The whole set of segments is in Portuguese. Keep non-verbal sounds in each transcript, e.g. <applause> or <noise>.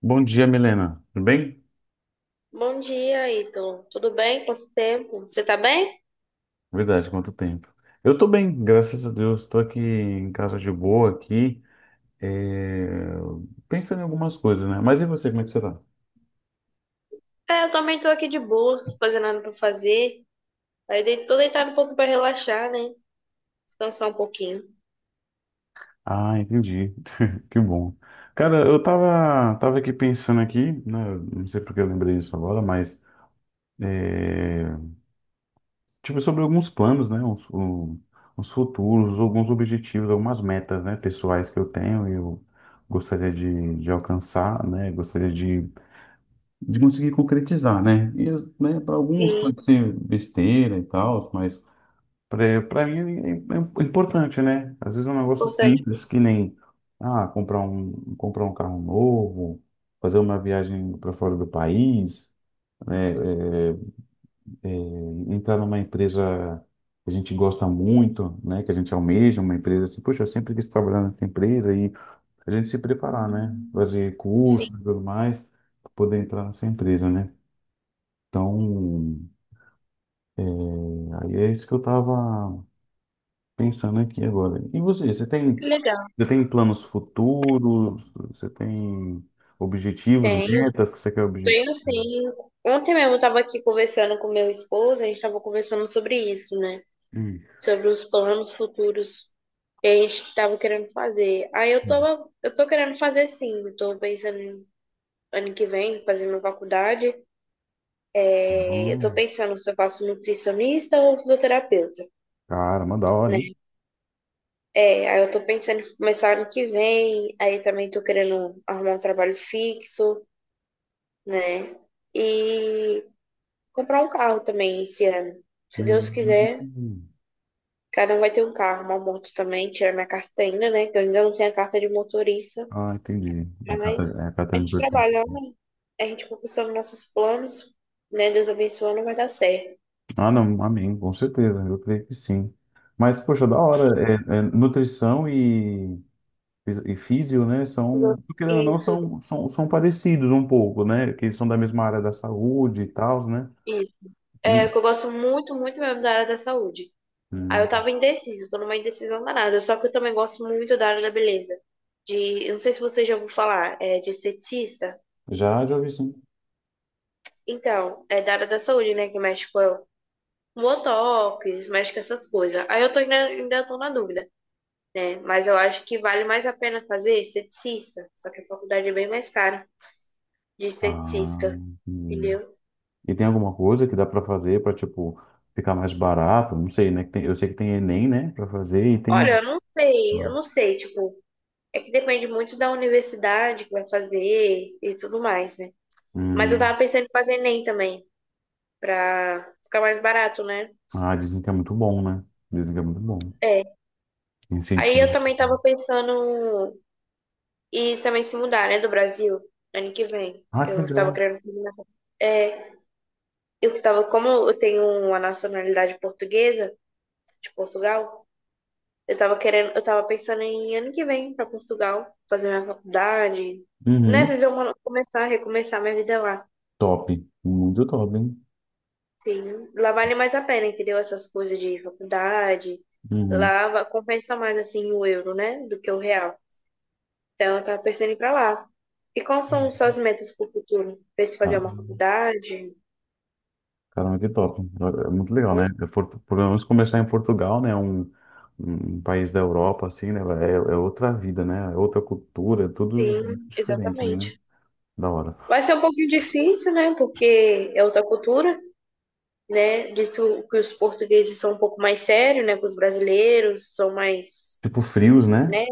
Bom dia, Milena. Tudo bem? Bom dia, Ítalo. Tudo bem? Quanto tempo? Você tá bem? Verdade, quanto tempo. Eu tô bem, graças a Deus. Tô aqui em casa de boa aqui, é, pensando em algumas coisas, né? Mas e você, como é que você tá? É, eu também tô aqui de boa, sem fazer nada pra fazer. Aí dei, tô deitado um pouco pra relaxar, né? Descansar um pouquinho. Ah, entendi. <laughs> Que bom. Cara, eu tava aqui pensando aqui, né? Não sei porque eu lembrei disso agora, mas é, tipo sobre alguns planos, né? Uns futuros, alguns objetivos, algumas metas, né? Pessoais que eu tenho e eu gostaria de alcançar, né? Gostaria de conseguir concretizar, né? E, né, para alguns pode Sim, ser besteira e tal, mas para mim é importante, né? Às vezes é um negócio importante pra simples, que você. nem ah, comprar um carro novo, fazer uma viagem para fora do país, né? É, entrar numa empresa que a gente gosta muito, né? Que a gente almeja, uma empresa assim, poxa, eu sempre quis trabalhar nessa empresa e a gente se preparar, né? Fazer curso e Sim, tudo mais, para poder entrar nessa empresa, né? Então, aí é isso que eu tava pensando aqui agora. E você, que legal. você tem planos futuros? Você tem objetivos, Tenho, metas que você quer objetivos? tenho sim. Ontem mesmo eu tava aqui conversando com meu esposo, a gente tava conversando sobre isso, né? Hum. Sobre os planos futuros que a gente tava querendo fazer. Aí eu tava, eu tô querendo fazer sim, eu tô pensando em ano que vem, fazer minha faculdade. É, eu tô pensando se eu faço nutricionista ou fisioterapeuta, Caramba, da hora, né? hein? É, aí eu tô pensando em começar ano que vem, aí também tô querendo arrumar um trabalho fixo, né? E comprar um carro também esse ano. Se Deus quiser, Hum. cada um vai ter um carro, uma moto também, tirar minha carta ainda, né? Que eu ainda não tenho a carta de motorista, Ah, entendi. Mas É a catarina de gente perfume. trabalhando, a gente conquistando nossos planos, né? Deus abençoando, vai dar certo. Ah, não, amém, com certeza, eu creio que sim. Mas, poxa, da hora, Sim. é, é nutrição e físio, né, Isso, são, querendo ou não, são parecidos um pouco, né, que eles são da mesma área da saúde e tal, né? isso. É, Hum, que eu gosto muito, muito mesmo da área da saúde. Aí eu hum. tava indecisa, tô numa indecisão danada. Só que eu também gosto muito da área da beleza. De, eu não sei se você já ouviu falar, é, de esteticista. Já, já ouvi sim. Então, é da área da saúde, né? Que mexe com botox, mexe com essas coisas. Aí eu tô ainda, ainda tô na dúvida, né? Mas eu acho que vale mais a pena fazer esteticista. Só que a faculdade é bem mais cara de Ah, esteticista, hum. entendeu? E tem alguma coisa que dá para fazer para, tipo, ficar mais barato? Não sei, né? Eu sei que tem Enem, né, para fazer e Olha, tem... eu Ah, não sei, tipo. É que depende muito da universidade que vai fazer e tudo mais, né? Mas eu hum. tava pensando em fazer Enem também, pra ficar mais barato, né? Ah, dizem que é muito bom, né? Dizem que é muito bom. É. Aí eu Incentivo. também tava pensando em também se mudar, né, do Brasil, ano que vem. Ah, que Eu tava legal. querendo fazer minha... É, eu tava, como eu tenho uma nacionalidade portuguesa, de Portugal, eu tava querendo, eu tava pensando em ano que vem pra Portugal, fazer minha faculdade, né, Uhum. viver uma, começar, recomeçar minha vida lá. Top. Muito top, hein? Sim, lá vale mais a pena, entendeu? Essas coisas de faculdade, Uhum. Compensa mais assim o euro, né? Do que o real. Então eu tava pensando em ir pra lá. E quais são os seus metas pro futuro? Pensa em fazer Tá. uma faculdade? Caramba, que top. É muito Uma legal, né? coisa? Pelo menos começar em Portugal, né? Um país da Europa, assim, né? É, é outra vida, né? É outra cultura, é tudo Sim, diferente, né? exatamente. Da hora. Vai ser um pouquinho difícil, né? Porque é outra cultura, né? Que os portugueses são um pouco mais sérios, né? Que os brasileiros são mais, Tipo, frios, né? né?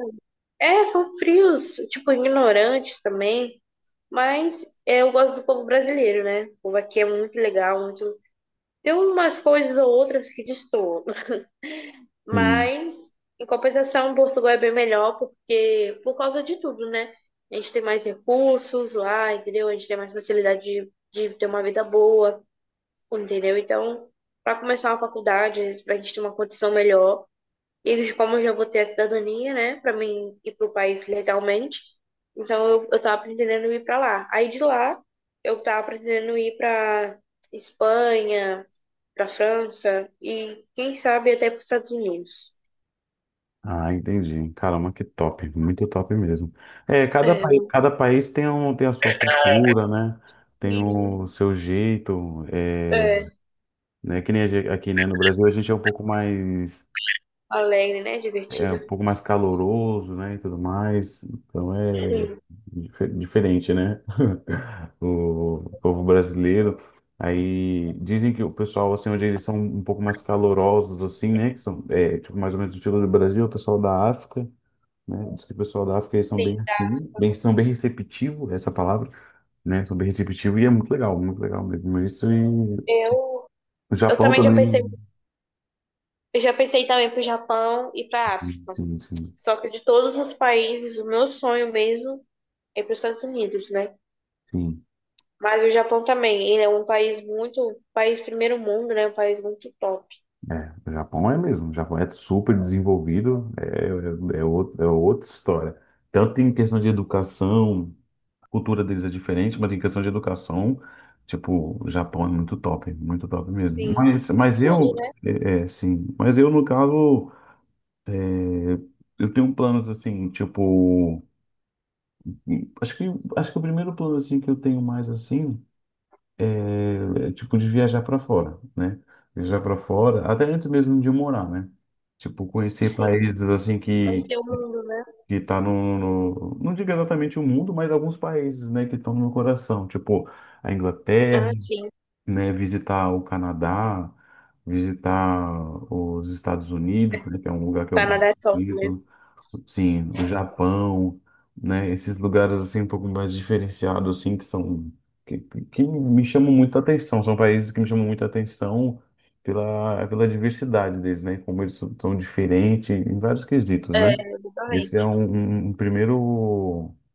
É, são frios, tipo, ignorantes também. Mas é, eu gosto do povo brasileiro, né? O povo aqui é muito legal, muito. Tem umas coisas ou outras que destoam. Sim. Mas, em compensação, Portugal é bem melhor porque por causa de tudo, né? A gente tem mais recursos lá, entendeu? A gente tem mais facilidade de ter uma vida boa, entendeu? Então, para começar uma faculdade, para a gente ter uma condição melhor. E como eu já vou ter a cidadania, né, pra mim ir pro país legalmente, então eu tava pretendendo ir pra lá. Aí de lá, eu tava pretendendo ir pra Espanha, pra França e quem sabe até pros Estados Unidos. Ah, entendi. Caramba, que top. Muito top mesmo. É, É, cada muito país tem, tem a sua cultura, né? Tem o seu jeito, é, é, né? Que nem aqui, né? No Brasil, a gente é um pouco mais, alegre, né, é divertido. um pouco mais caloroso, né? E tudo mais. Então, é. Sim, Diferente, né? <laughs> O povo brasileiro. Aí dizem que o pessoal, assim, onde eles são um pouco mais calorosos, assim, né? Que são, é, tipo, mais ou menos do estilo do Brasil, o pessoal da África, né? Diz que o pessoal da África, eles são bem sim. Tá. assim, bem, são bem receptivos, essa palavra, né? São bem receptivos e é muito legal mesmo. Isso e Eu, o eu Japão também já pensei, também. eu já pensei também pro Japão e pra Sim, África. sim, Só que de todos os países, o meu sonho mesmo é pros Estados Unidos, né? sim. Mas o Japão também, ele é um país muito, um país primeiro mundo, né? Um país muito top. É, o Japão é mesmo, o Japão é super desenvolvido, é outra história. Tanto em questão de educação, a cultura deles é diferente, mas em questão de educação, tipo, o Japão é muito top mesmo. Sim. Em tudo, né? Sim, mas eu, no caso, é, eu tenho planos assim, tipo, acho que, acho que o primeiro plano assim que eu tenho mais assim. É tipo de viajar para fora, né? Viajar para fora, até antes mesmo de eu morar, né? Tipo, conhecer Sim. países assim Vai que ser o mundo, né? que tá no, não digo exatamente o mundo, mas alguns países, né, que estão no meu coração, tipo a Inglaterra, Ah, sim. O né, visitar o Canadá, visitar os Estados Unidos, né, que é um lugar que eu gosto Canadá é top, né? muito, sim, o Japão, né, esses lugares assim um pouco mais diferenciados assim que são que, que me chamam muita atenção, são países que me chamam muita atenção pela pela diversidade deles, né, como eles são, são diferentes em vários quesitos, né? É, exatamente. Esse é um, um um primeiro o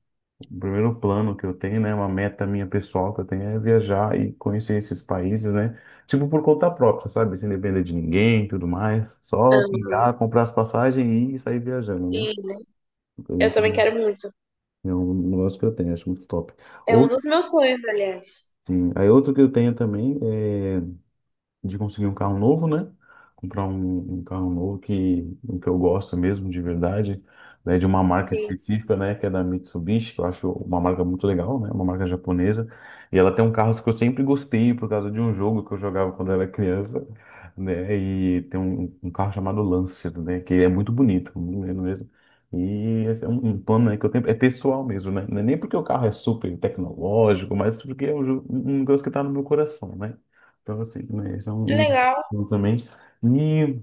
primeiro plano que eu tenho, né, uma meta minha pessoal que eu tenho é viajar e conhecer esses países, né? Tipo por conta própria, sabe? Sem depender de ninguém, e tudo mais. Só pegar, Aham. comprar as passagens e ir sair viajando, né? E, né? Então, Eu esse também quero muito. é um negócio que eu tenho, acho muito top. É um Outro, dos meus sonhos, aliás. sim. Aí outro que eu tenho também é de conseguir um carro novo, né? Comprar um carro novo que eu gosto mesmo, de verdade, né? De uma marca Sim. específica, né? Que é da Mitsubishi, que eu acho uma marca muito legal, né? Uma marca japonesa. E ela tem um carro que eu sempre gostei por causa de um jogo que eu jogava quando era criança, né? E tem um carro chamado Lancer, né? Que é muito bonito, muito lindo mesmo. E esse é um plano né, que eu tenho, é pessoal mesmo, né? Não é nem porque o carro é super tecnológico, mas porque é um negócio que tá no meu coração, né? Pra você, né? Isso é um Legal, um também. E,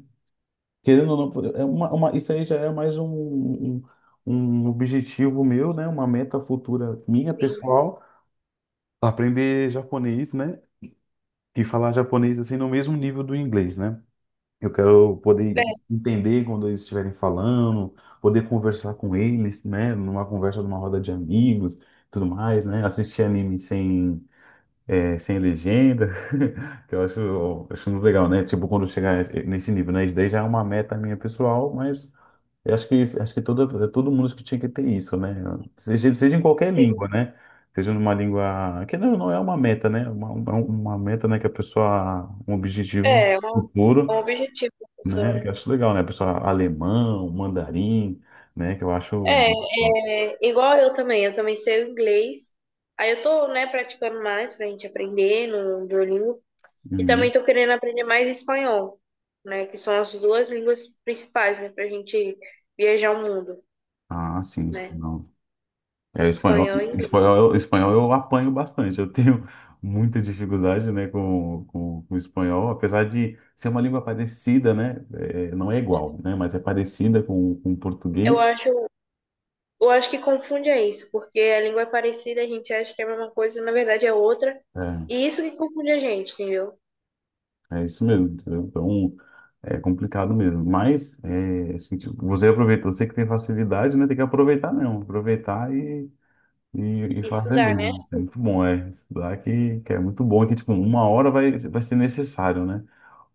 querendo ou não, é isso aí já é mais um objetivo meu, né? Uma meta futura minha, sim. pessoal, aprender japonês, né? E falar japonês assim no mesmo nível do inglês, né? Eu quero É, poder entender quando eles estiverem falando, poder conversar com eles, né? Numa conversa, numa roda de amigos, tudo mais, né? Assistir anime sem sem legenda, <laughs> que eu acho muito legal, né? Tipo, quando chegar nesse nível, né? Isso daí já é uma meta minha pessoal, mas eu acho que, acho que todo mundo que tinha que ter isso, né? Seja em qualquer língua, sim. né? Seja numa língua, que não é uma meta, né? Uma meta, né? Que a pessoa, um objetivo É, é um futuro, objetivo, né? Que professora. eu acho legal, né? A pessoa alemão, mandarim, né? Que eu acho... É, é, igual eu também. Eu também sei o inglês. Aí eu tô, né, praticando mais pra gente aprender no Duolingo. E também Uhum. estou querendo aprender mais espanhol, né? Que são as duas línguas principais, né? Pra gente viajar o mundo, Ah, sim, né? espanhol. É, o espanhol, Espanhol e inglês. Espanhol eu apanho bastante. Eu tenho muita dificuldade, né, com o espanhol, apesar de ser uma língua parecida, né? é, não é igual, né? Mas é parecida com o Eu português. acho, eu acho que confunde é isso, porque a língua é parecida, a gente acha que é a mesma coisa, na verdade é outra. E isso que confunde a gente, entendeu? É, é isso mesmo. Entendeu? Então é complicado mesmo. Mas é, assim, tipo, você aproveita, você que tem facilidade, né? Tem que aproveitar mesmo, aproveitar e, e fazer Estudar, né? mesmo. É muito bom, é estudar que é muito bom, que tipo uma hora vai ser necessário, né?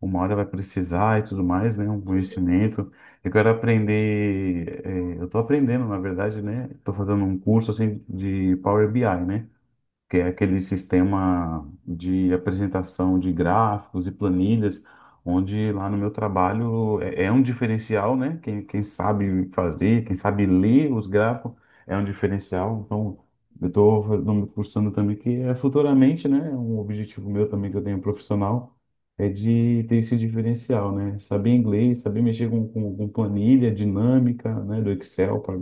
uma hora vai precisar e tudo mais, né? Um E, conhecimento. Eu quero aprender, eh, eu estou aprendendo, na verdade, né? Estou fazendo um curso assim de Power BI, né? que é aquele sistema de apresentação de gráficos e planilhas, onde lá no meu trabalho é um diferencial, né? Quem sabe fazer, quem sabe ler os gráficos é um diferencial. Então, eu estou me cursando também, que é futuramente, né? Um objetivo meu também que eu tenho profissional. É de ter esse diferencial, né? Saber inglês, saber mexer com, com planilha dinâmica, né? Do Excel para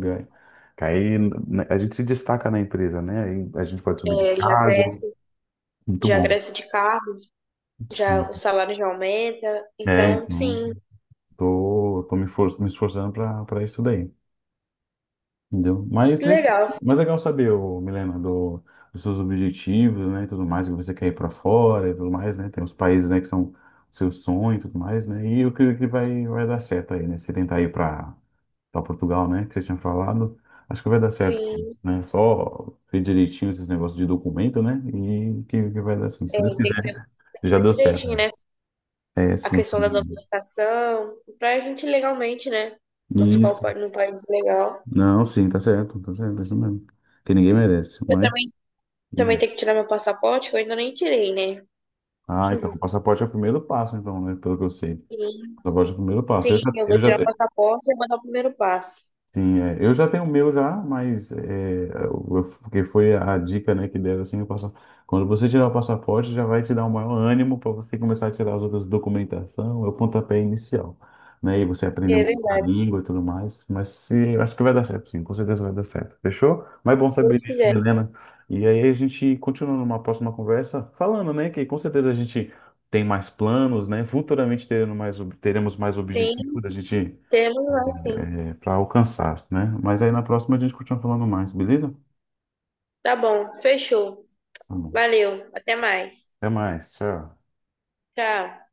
que aí né, a gente se destaca na empresa, né? Aí a gente pode subir de é, cargo. Muito já bom. cresce de carro, Sim. já o salário já aumenta. É, Então, então, sim, me esforçando para para isso daí. Entendeu? Que legal. Mas legal saber, ô, Milena, do, dos seus objetivos, né? e tudo mais, que você quer ir para fora e tudo mais, né? Tem os países, né, que são seu sonho e tudo mais, né? E o que, vai dar certo aí, né? Você tentar ir para para Portugal, né? Que você tinha falado. Acho que vai dar certo, Sim, né? Só ver direitinho esses negócios de documento, né? E que vai dar assim. Se é, Deus tem que quiser, já ver deu certo. direitinho, né? É, A sim. questão da domesticação, pra gente legalmente, né? Não ficar Isso. No país legal. Não, sim, tá certo, é isso mesmo. Que ninguém merece, Eu mas. também, também hum. tenho que tirar meu passaporte, que eu ainda nem tirei, né? Ah, então, o <laughs> passaporte é o primeiro passo, então, né? Pelo que eu sei. O Sim, passaporte é o primeiro passo. sim, eu vou tirar o passaporte e vou dar o primeiro passo. Sim, é. Eu já tenho o meu já, mas é, porque foi a dica, né, que deram assim, quando você tirar o passaporte, já vai te dar um maior ânimo para você começar a tirar as outras documentação, é o pontapé inicial, né? E você E aprender é um pouco a verdade, se língua e tudo mais. Mas se, eu acho que vai dar certo, sim, com certeza vai dar certo. Fechou? Mas é bom saber Deus disso, quiser. Milena. E aí a gente continua numa próxima conversa falando, né, que com certeza a gente tem mais planos, né? Futuramente teremos mais, teremos mais Sim, objetivos, a gente temos lá, sim. para alcançar, né? Mas aí na próxima a gente continua falando mais, beleza? Tá bom, fechou. Tá bom. Valeu, até mais. Até mais, tchau. Tchau.